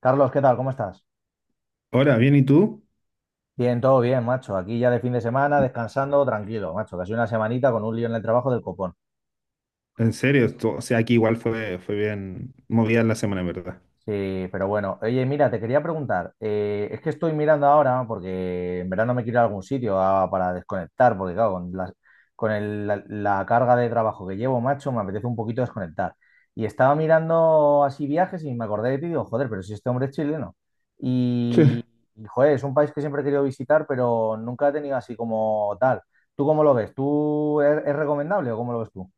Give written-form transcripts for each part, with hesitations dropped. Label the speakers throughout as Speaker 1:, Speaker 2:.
Speaker 1: Carlos, ¿qué tal? ¿Cómo estás?
Speaker 2: Ahora, bien, ¿y tú?
Speaker 1: Bien, todo bien, macho. Aquí ya de fin de semana, descansando, tranquilo, macho. Casi una semanita con un lío en el trabajo del copón.
Speaker 2: En serio, o sea, aquí igual fue bien movida la semana, en verdad.
Speaker 1: Sí, pero bueno, oye, mira, te quería preguntar, es que estoy mirando ahora, porque en verano me quiero ir a algún sitio para desconectar, porque claro, la carga de trabajo que llevo, macho, me apetece un poquito desconectar. Y estaba mirando así viajes y me acordé de ti y digo, joder, pero si este hombre es chileno.
Speaker 2: Sí.
Speaker 1: Y, joder, es un país que siempre he querido visitar, pero nunca he tenido así como tal. ¿Tú cómo lo ves? ¿Es recomendable o cómo lo ves tú?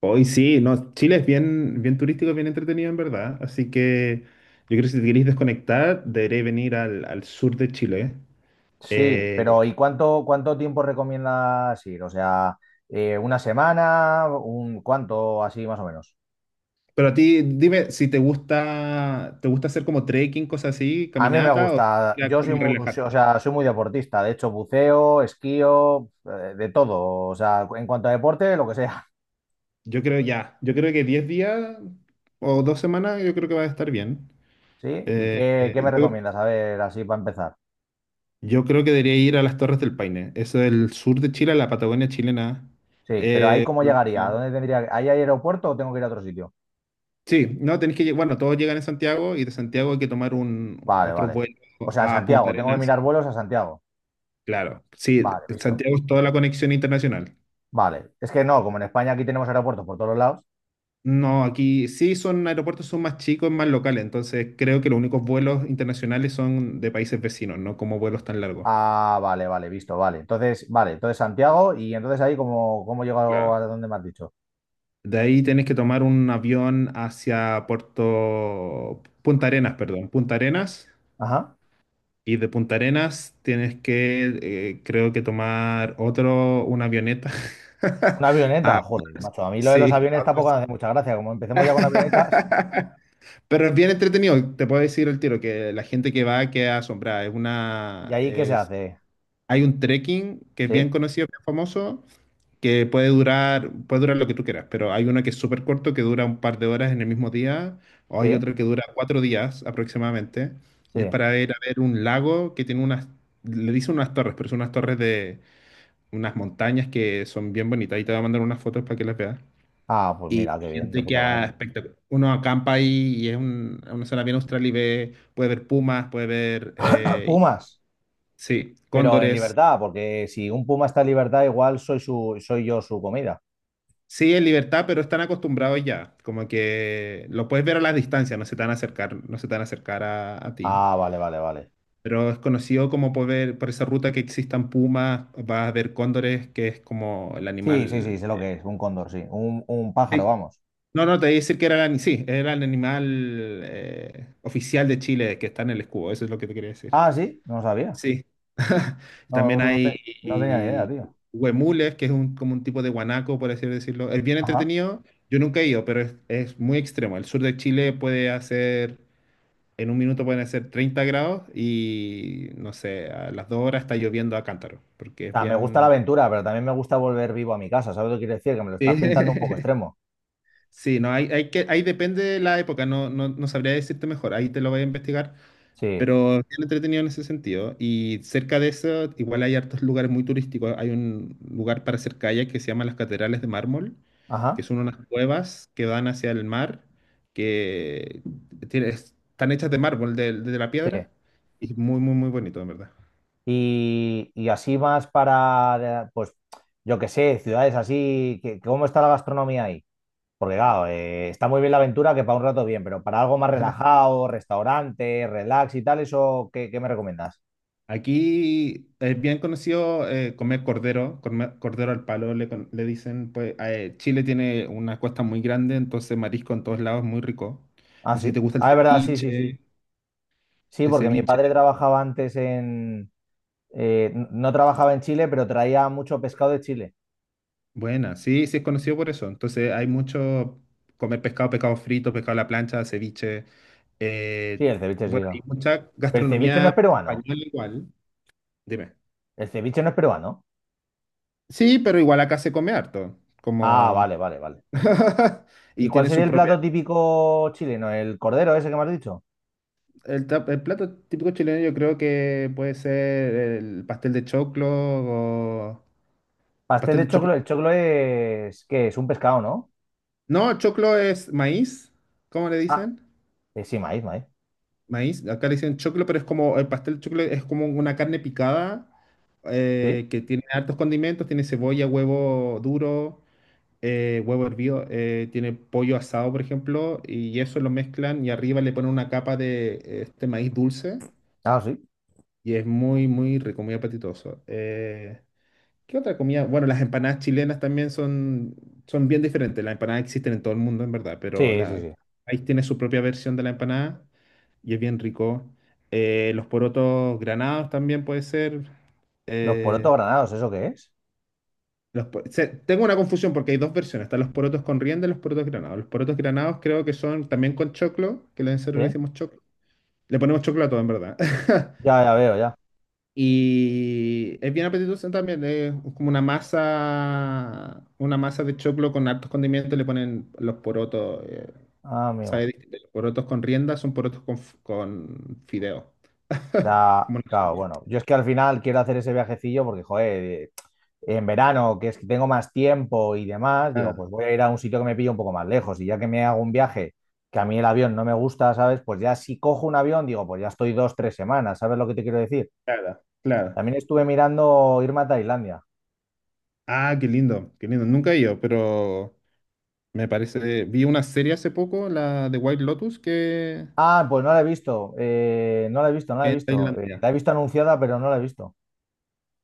Speaker 2: Hoy sí, no, Chile es bien, bien turístico, bien entretenido, en verdad. Así que yo creo que si te queréis desconectar, deberéis venir al sur de Chile.
Speaker 1: Sí, pero
Speaker 2: Eh,
Speaker 1: ¿y cuánto tiempo recomiendas ir? O sea, una semana, un cuánto, así más o menos.
Speaker 2: pero a ti, dime si te gusta hacer como trekking, cosas así,
Speaker 1: A mí me
Speaker 2: caminata o
Speaker 1: gusta,
Speaker 2: ya
Speaker 1: yo soy
Speaker 2: como
Speaker 1: muy, o
Speaker 2: relajarte.
Speaker 1: sea, soy muy deportista, de hecho, buceo, esquío, de todo, o sea, en cuanto a deporte, lo que sea.
Speaker 2: Yo creo que 10 días o 2 semanas, yo creo que va a estar bien.
Speaker 1: ¿Sí? ¿Y
Speaker 2: Eh,
Speaker 1: qué me
Speaker 2: eh, yo-
Speaker 1: recomiendas? A ver, así para empezar.
Speaker 2: Yo creo que debería ir a las Torres del Paine. Eso es el sur de Chile, la Patagonia chilena.
Speaker 1: Sí, pero ahí
Speaker 2: Eh,
Speaker 1: cómo llegaría,
Speaker 2: ah,
Speaker 1: ¿a dónde tendría que... ¿Ahí hay aeropuerto o tengo que ir a otro sitio?
Speaker 2: sí, no, tenéis que llegar. Bueno, todos llegan en Santiago y de Santiago hay que tomar un
Speaker 1: Vale,
Speaker 2: otro
Speaker 1: vale.
Speaker 2: vuelo
Speaker 1: O sea, a
Speaker 2: a Punta
Speaker 1: Santiago, tengo que
Speaker 2: Arenas.
Speaker 1: mirar vuelos a Santiago.
Speaker 2: Claro, sí,
Speaker 1: Vale, visto.
Speaker 2: Santiago es toda la conexión internacional.
Speaker 1: Vale. Es que no, como en España aquí tenemos aeropuertos por todos lados.
Speaker 2: No, aquí sí son aeropuertos, son más chicos, más locales. Entonces creo que los únicos vuelos internacionales son de países vecinos, no como vuelos tan largos.
Speaker 1: Ah, vale, vale, visto, vale. Entonces, vale, entonces Santiago, y entonces ahí, ¿cómo llegó a
Speaker 2: Claro.
Speaker 1: donde me has dicho?
Speaker 2: De ahí tenés que tomar un avión hacia Puerto Punta Arenas, perdón, Punta Arenas.
Speaker 1: Ajá.
Speaker 2: Y de Punta Arenas tienes que, creo que tomar otro, una avioneta.
Speaker 1: Una
Speaker 2: Ah,
Speaker 1: avioneta, joder, macho. A mí lo de los
Speaker 2: sí.
Speaker 1: aviones tampoco me hace mucha gracia. Como empecemos ya con avionetas,
Speaker 2: Pero es bien entretenido, te puedo decir el tiro, que la gente que va queda asombrada.
Speaker 1: ¿y ahí qué se hace?
Speaker 2: Hay un trekking que es bien
Speaker 1: ¿Sí?
Speaker 2: conocido, bien famoso, que puede durar lo que tú quieras, pero hay uno que es súper corto, que dura un par de horas en el mismo día, o hay
Speaker 1: ¿Sí?
Speaker 2: otro que dura 4 días aproximadamente,
Speaker 1: ¿Sí?
Speaker 2: y es para ir a ver un lago que tiene unas, le dicen unas torres, pero son unas torres de unas montañas que son bien bonitas, y te voy a mandar unas fotos para que las veas.
Speaker 1: Ah, pues
Speaker 2: Y
Speaker 1: mira, qué bien, de
Speaker 2: gente que
Speaker 1: puta
Speaker 2: ha
Speaker 1: madre.
Speaker 2: espectac- uno acampa ahí y es una zona bien austral y ve, puede ver pumas, puede ver,
Speaker 1: Pumas,
Speaker 2: sí,
Speaker 1: pero en
Speaker 2: cóndores.
Speaker 1: libertad, porque si un puma está en libertad, igual soy su, soy yo su comida.
Speaker 2: Sí, en libertad, pero están acostumbrados ya. Como que lo puedes ver a la distancia, no se te van a acercar, no se te van a acercar a ti.
Speaker 1: Ah, vale, vale, vale.
Speaker 2: Pero es conocido como por ver, por esa ruta que existan pumas, vas a ver cóndores, que es como el
Speaker 1: Sí, sí, sí,
Speaker 2: animal.
Speaker 1: sé lo que es, un cóndor, sí. Un pájaro,
Speaker 2: Sí.
Speaker 1: vamos.
Speaker 2: No, no, te voy a decir que era sí, era el animal oficial de Chile que está en el escudo, eso es lo que te quería decir.
Speaker 1: Ah, sí, no lo sabía.
Speaker 2: Sí.
Speaker 1: No,
Speaker 2: También
Speaker 1: no,
Speaker 2: hay
Speaker 1: no tenía ni idea,
Speaker 2: eh,
Speaker 1: tío.
Speaker 2: huemules, que es un, como un tipo de guanaco, por así decirlo. Es bien
Speaker 1: Ajá.
Speaker 2: entretenido. Yo nunca he ido, pero es muy extremo. El sur de Chile puede hacer, en un minuto pueden hacer 30 grados y, no sé, a las 2 horas está lloviendo a cántaro, porque
Speaker 1: O
Speaker 2: es
Speaker 1: sea, me gusta la
Speaker 2: bien...
Speaker 1: aventura, pero también me gusta volver vivo a mi casa. ¿Sabes lo que quiero decir? Que me lo estás pintando un poco extremo.
Speaker 2: Sí, no, hay que, ahí depende de la época, no, no, no sabría decirte mejor, ahí te lo voy a investigar.
Speaker 1: Sí,
Speaker 2: Pero bien entretenido en ese sentido. Y cerca de eso, igual hay hartos lugares muy turísticos. Hay un lugar para hacer kayak que se llama las Catedrales de Mármol, que
Speaker 1: ajá,
Speaker 2: son unas cuevas que dan hacia el mar, que están hechas de mármol, de la
Speaker 1: sí.
Speaker 2: piedra. Y muy, muy, muy bonito, en verdad.
Speaker 1: Y así más para, pues, yo qué sé, ciudades así, que, ¿cómo está la gastronomía ahí? Porque, claro, está muy bien la aventura, que para un rato bien, pero para algo más relajado, restaurante, relax y tal, ¿eso qué, qué me recomiendas?
Speaker 2: Aquí es bien conocido comer cordero al palo, le dicen, pues Chile tiene una costa muy grande, entonces marisco en todos lados es muy rico.
Speaker 1: Ah,
Speaker 2: No sé si
Speaker 1: sí.
Speaker 2: te gusta el
Speaker 1: Ah, es verdad, sí, sí, sí.
Speaker 2: ceviche.
Speaker 1: Sí,
Speaker 2: El
Speaker 1: porque mi
Speaker 2: ceviche,
Speaker 1: padre trabajaba antes en... no trabajaba en Chile, pero traía mucho pescado de Chile.
Speaker 2: buena, sí, sí es conocido por eso. Entonces hay mucho comer pescado, pescado frito, pescado a la plancha, ceviche.
Speaker 1: Sí,
Speaker 2: eh,
Speaker 1: el ceviche, sí.
Speaker 2: bueno, hay mucha
Speaker 1: El ceviche no
Speaker 2: gastronomía
Speaker 1: es peruano.
Speaker 2: española igual. Dime.
Speaker 1: El ceviche no es peruano.
Speaker 2: Sí, pero igual acá se come harto,
Speaker 1: Ah,
Speaker 2: como...
Speaker 1: vale, vale, vale. ¿Y
Speaker 2: Y
Speaker 1: cuál
Speaker 2: tiene
Speaker 1: sería
Speaker 2: su
Speaker 1: el
Speaker 2: propia...
Speaker 1: plato típico chileno? ¿El cordero ese que me has dicho?
Speaker 2: El plato típico chileno yo creo que puede ser el pastel de choclo o...
Speaker 1: Pastel
Speaker 2: Pastel
Speaker 1: de
Speaker 2: de
Speaker 1: choclo. El
Speaker 2: choclo.
Speaker 1: choclo es... ¿Qué es? Un pescado, ¿no?
Speaker 2: No, choclo es maíz, ¿cómo le
Speaker 1: Ah,
Speaker 2: dicen?
Speaker 1: sí, maíz, maíz.
Speaker 2: Maíz, acá le dicen choclo, pero es como, el pastel choclo es como una carne picada
Speaker 1: ¿Sí?
Speaker 2: que tiene hartos condimentos, tiene cebolla, huevo duro, huevo hervido, tiene pollo asado, por ejemplo, y eso lo mezclan y arriba le ponen una capa de este maíz dulce
Speaker 1: Ah, sí.
Speaker 2: y es muy, muy rico, muy apetitoso. ¿Qué otra comida? Bueno, las empanadas chilenas también son bien diferentes. Las empanadas existen en todo el mundo, en verdad, pero
Speaker 1: Sí, sí, sí.
Speaker 2: ahí tiene su propia versión de la empanada y es bien rico. Los porotos granados también puede ser.
Speaker 1: Los porotos
Speaker 2: eh,
Speaker 1: granados, ¿eso qué es?
Speaker 2: tengo una confusión porque hay dos versiones. Están los porotos con rienda y los porotos granados. Los porotos granados creo que son también con choclo, que nosotros le
Speaker 1: Sí.
Speaker 2: decimos choclo. Le ponemos choclo a todo, en verdad.
Speaker 1: Ya, ya veo, ya.
Speaker 2: Y es bien apetitoso también, es como una masa de choclo con hartos condimentos, le ponen los porotos,
Speaker 1: Ah, amigo.
Speaker 2: sabe distinto, los porotos con rienda son porotos con, con fideo.
Speaker 1: Sea,
Speaker 2: Como una
Speaker 1: claro,
Speaker 2: sopa.
Speaker 1: bueno, yo es que al final quiero hacer ese viajecillo porque, joder, en verano, que es que tengo más tiempo y demás, digo,
Speaker 2: Ah,
Speaker 1: pues voy a ir a un sitio que me pille un poco más lejos y ya que me hago un viaje que a mí el avión no me gusta, ¿sabes? Pues ya si cojo un avión, digo, pues ya estoy dos, tres semanas, ¿sabes lo que te quiero decir?
Speaker 2: claro, claro.
Speaker 1: También estuve mirando irme a Tailandia.
Speaker 2: Ah, qué lindo, qué lindo. Nunca he ido, pero me parece, vi una serie hace poco, la de White Lotus, que
Speaker 1: Ah, pues no la he visto, no la he visto, no la he
Speaker 2: que en
Speaker 1: visto.
Speaker 2: Tailandia.
Speaker 1: La he visto anunciada, pero no la he visto.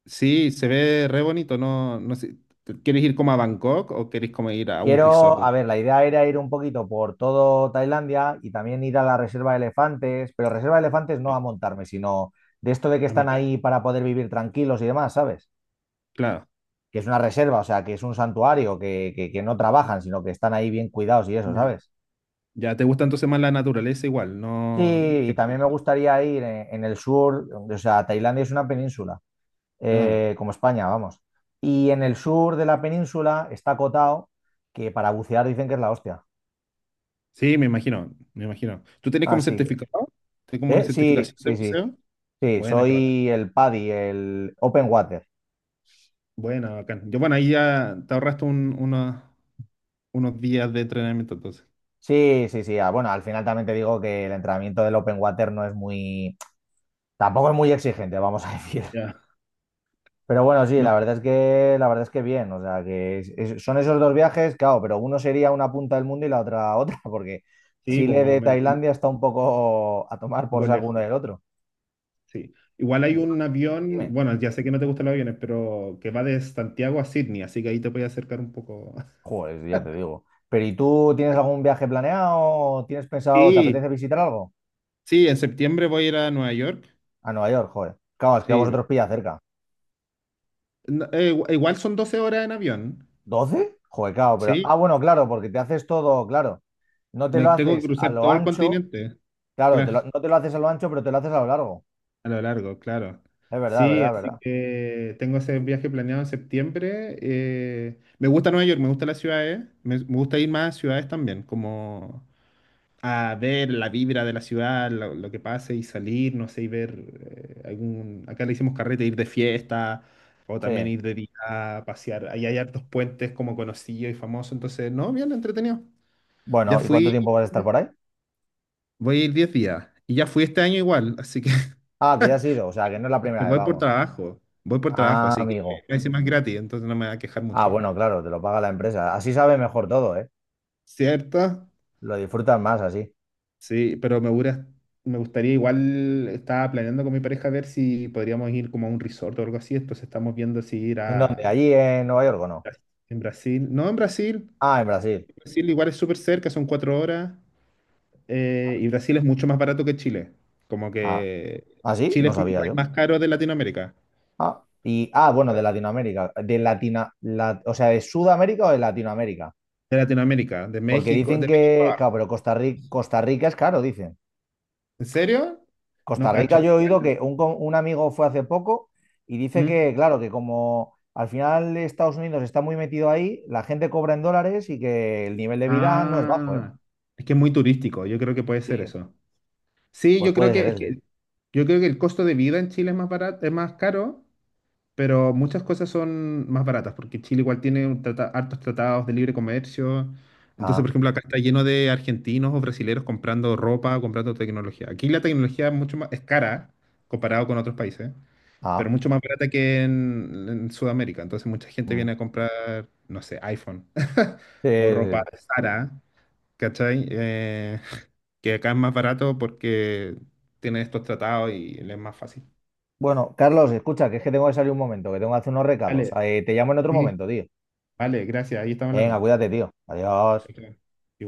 Speaker 2: Sí, se ve re bonito, no, no sé, ¿quieres ir como a Bangkok o quieres como ir a un
Speaker 1: Quiero, a
Speaker 2: resort?
Speaker 1: ver, la idea era ir un poquito por todo Tailandia y también ir a la reserva de elefantes, pero reserva de elefantes no a montarme, sino de esto de que
Speaker 2: A
Speaker 1: están
Speaker 2: mitad.
Speaker 1: ahí para poder vivir tranquilos y demás, ¿sabes?
Speaker 2: Claro.
Speaker 1: Que es una reserva, o sea, que es un santuario, que no trabajan, sino que están ahí bien cuidados y eso,
Speaker 2: Ya.
Speaker 1: ¿sabes?
Speaker 2: Ya te gusta entonces más la naturaleza igual,
Speaker 1: Sí,
Speaker 2: no.
Speaker 1: y también me gustaría ir en el sur, o sea, Tailandia es una península,
Speaker 2: Ah,
Speaker 1: como España, vamos. Y en el sur de la península está Koh Tao, que para bucear dicen que es la hostia.
Speaker 2: sí, me imagino, me imagino. ¿Tú tienes como
Speaker 1: Así que,
Speaker 2: certificado? ¿Tienes como una
Speaker 1: ¿eh? Sí,
Speaker 2: certificación de
Speaker 1: sí, sí.
Speaker 2: buceo?
Speaker 1: Sí,
Speaker 2: Buena, qué bacán.
Speaker 1: soy el PADI, el Open Water.
Speaker 2: Buena, bacán. Yo, bueno, ahí ya te ahorraste unos días de entrenamiento entonces.
Speaker 1: Sí, sí, sí. Ah, bueno, al final también te digo que el entrenamiento del Open Water no es muy, tampoco es muy exigente, vamos a decir.
Speaker 2: Ya.
Speaker 1: Pero bueno, sí,
Speaker 2: No,
Speaker 1: la verdad es que, la verdad es que bien. O sea, son esos dos viajes, claro, pero uno sería una punta del mundo y la otra otra, porque
Speaker 2: sí, pues
Speaker 1: Chile
Speaker 2: más o
Speaker 1: de
Speaker 2: menos, un
Speaker 1: Tailandia está un poco a tomar por
Speaker 2: poco
Speaker 1: saco
Speaker 2: lejos.
Speaker 1: uno del otro.
Speaker 2: Sí. Igual hay
Speaker 1: Y tú,
Speaker 2: un avión,
Speaker 1: dime,
Speaker 2: bueno, ya sé que no te gustan los aviones, pero que va de Santiago a Sydney, así que ahí te puedes acercar un poco.
Speaker 1: joder, ya te digo. Pero ¿y tú tienes algún viaje planeado? ¿Tienes pensado, te
Speaker 2: Sí,
Speaker 1: apetece visitar algo?
Speaker 2: sí, en septiembre voy a ir a Nueva York.
Speaker 1: A Nueva York, joder. Claro, es que a
Speaker 2: Sí,
Speaker 1: vosotros pilla cerca.
Speaker 2: no, igual son 12 horas en avión,
Speaker 1: 12, joder, claro, pero.
Speaker 2: ¿sí?
Speaker 1: Ah, bueno, claro, porque te haces todo, claro. No te
Speaker 2: Me
Speaker 1: lo
Speaker 2: tengo que
Speaker 1: haces a
Speaker 2: cruzar
Speaker 1: lo
Speaker 2: todo el
Speaker 1: ancho,
Speaker 2: continente,
Speaker 1: claro,
Speaker 2: claro,
Speaker 1: no te lo haces a lo ancho, pero te lo haces a lo largo.
Speaker 2: a lo largo, claro.
Speaker 1: Es verdad,
Speaker 2: Sí,
Speaker 1: verdad,
Speaker 2: así
Speaker 1: verdad.
Speaker 2: que tengo ese viaje planeado en septiembre. Me gusta Nueva York, me gusta las ciudades, me gusta ir más a ciudades también, como a ver la vibra de la ciudad, lo que pase y salir, no sé, y ver acá le hicimos carrete, ir de fiesta. O
Speaker 1: Sí.
Speaker 2: también ir de día a pasear. Ahí hay hartos puentes como conocidos y famosos. Entonces, no, bien entretenido. Ya
Speaker 1: Bueno, ¿y cuánto
Speaker 2: fui,
Speaker 1: tiempo vas a estar por ahí?
Speaker 2: Voy a ir 10 días. Y ya fui este año igual, así que
Speaker 1: Ah, que ya has ido, o sea, que no es la primera
Speaker 2: dije,
Speaker 1: vez,
Speaker 2: voy por
Speaker 1: vamos.
Speaker 2: trabajo. Voy por trabajo,
Speaker 1: Ah,
Speaker 2: así que
Speaker 1: amigo.
Speaker 2: encima es gratis, entonces no me va a quejar
Speaker 1: Ah,
Speaker 2: mucho.
Speaker 1: bueno, claro, te lo paga la empresa. Así sabe mejor todo, ¿eh?
Speaker 2: ¿Cierto?
Speaker 1: Lo disfrutas más así.
Speaker 2: Sí, pero me gustaría igual, estaba planeando con mi pareja ver si podríamos ir como a un resort o algo así, entonces estamos viendo si ir
Speaker 1: ¿En dónde?
Speaker 2: a...
Speaker 1: ¿Allí en Nueva York o no?
Speaker 2: En Brasil, no, en Brasil,
Speaker 1: Ah, en Brasil.
Speaker 2: Brasil igual es súper cerca, son 4 horas, y Brasil es mucho más barato que Chile, como
Speaker 1: Ah,
Speaker 2: que
Speaker 1: ¿ah, sí?
Speaker 2: Chile
Speaker 1: No
Speaker 2: es como el
Speaker 1: sabía
Speaker 2: país
Speaker 1: yo.
Speaker 2: más caro de Latinoamérica.
Speaker 1: Ah, y, ah, bueno, de Latinoamérica. De Latina, o sea, ¿de Sudamérica o de Latinoamérica?
Speaker 2: De Latinoamérica,
Speaker 1: Porque dicen
Speaker 2: De
Speaker 1: que,
Speaker 2: México
Speaker 1: claro, pero
Speaker 2: abajo.
Speaker 1: Costa Rica, Costa Rica es caro, dicen.
Speaker 2: ¿En serio? No
Speaker 1: Costa Rica
Speaker 2: cacho.
Speaker 1: yo he oído
Speaker 2: Igual.
Speaker 1: que un, un amigo fue hace poco y dice
Speaker 2: ¿Mm?
Speaker 1: que, claro, que como al final Estados Unidos está muy metido ahí, la gente cobra en dólares y que el nivel de vida no es bajo, ¿eh?
Speaker 2: Ah, es que es muy turístico, yo creo que puede ser
Speaker 1: Sí,
Speaker 2: eso. Sí,
Speaker 1: pues puede ser eso.
Speaker 2: yo creo que el costo de vida en Chile es más barato, es más caro, pero muchas cosas son más baratas, porque Chile igual tiene un hartos tratados de libre comercio. Entonces, por
Speaker 1: Ah,
Speaker 2: ejemplo, acá está lleno de argentinos o brasileros comprando ropa, comprando tecnología. Aquí la tecnología es mucho más, es cara comparado con otros países. Pero
Speaker 1: ah.
Speaker 2: mucho más barata que en Sudamérica. Entonces mucha gente
Speaker 1: Mm.
Speaker 2: viene a comprar, no sé, iPhone
Speaker 1: Sí,
Speaker 2: o
Speaker 1: sí,
Speaker 2: ropa
Speaker 1: sí.
Speaker 2: de Zara, ¿cachai? Que acá es más barato porque tienen estos tratados y le es más fácil.
Speaker 1: Bueno, Carlos, escucha, que es que tengo que salir un momento, que tengo que hacer unos recados.
Speaker 2: Vale,
Speaker 1: Te llamo en otro
Speaker 2: sí,
Speaker 1: momento, tío.
Speaker 2: vale, gracias. Ahí estamos
Speaker 1: Venga,
Speaker 2: hablando.
Speaker 1: cuídate, tío. Adiós.
Speaker 2: Chao, chao.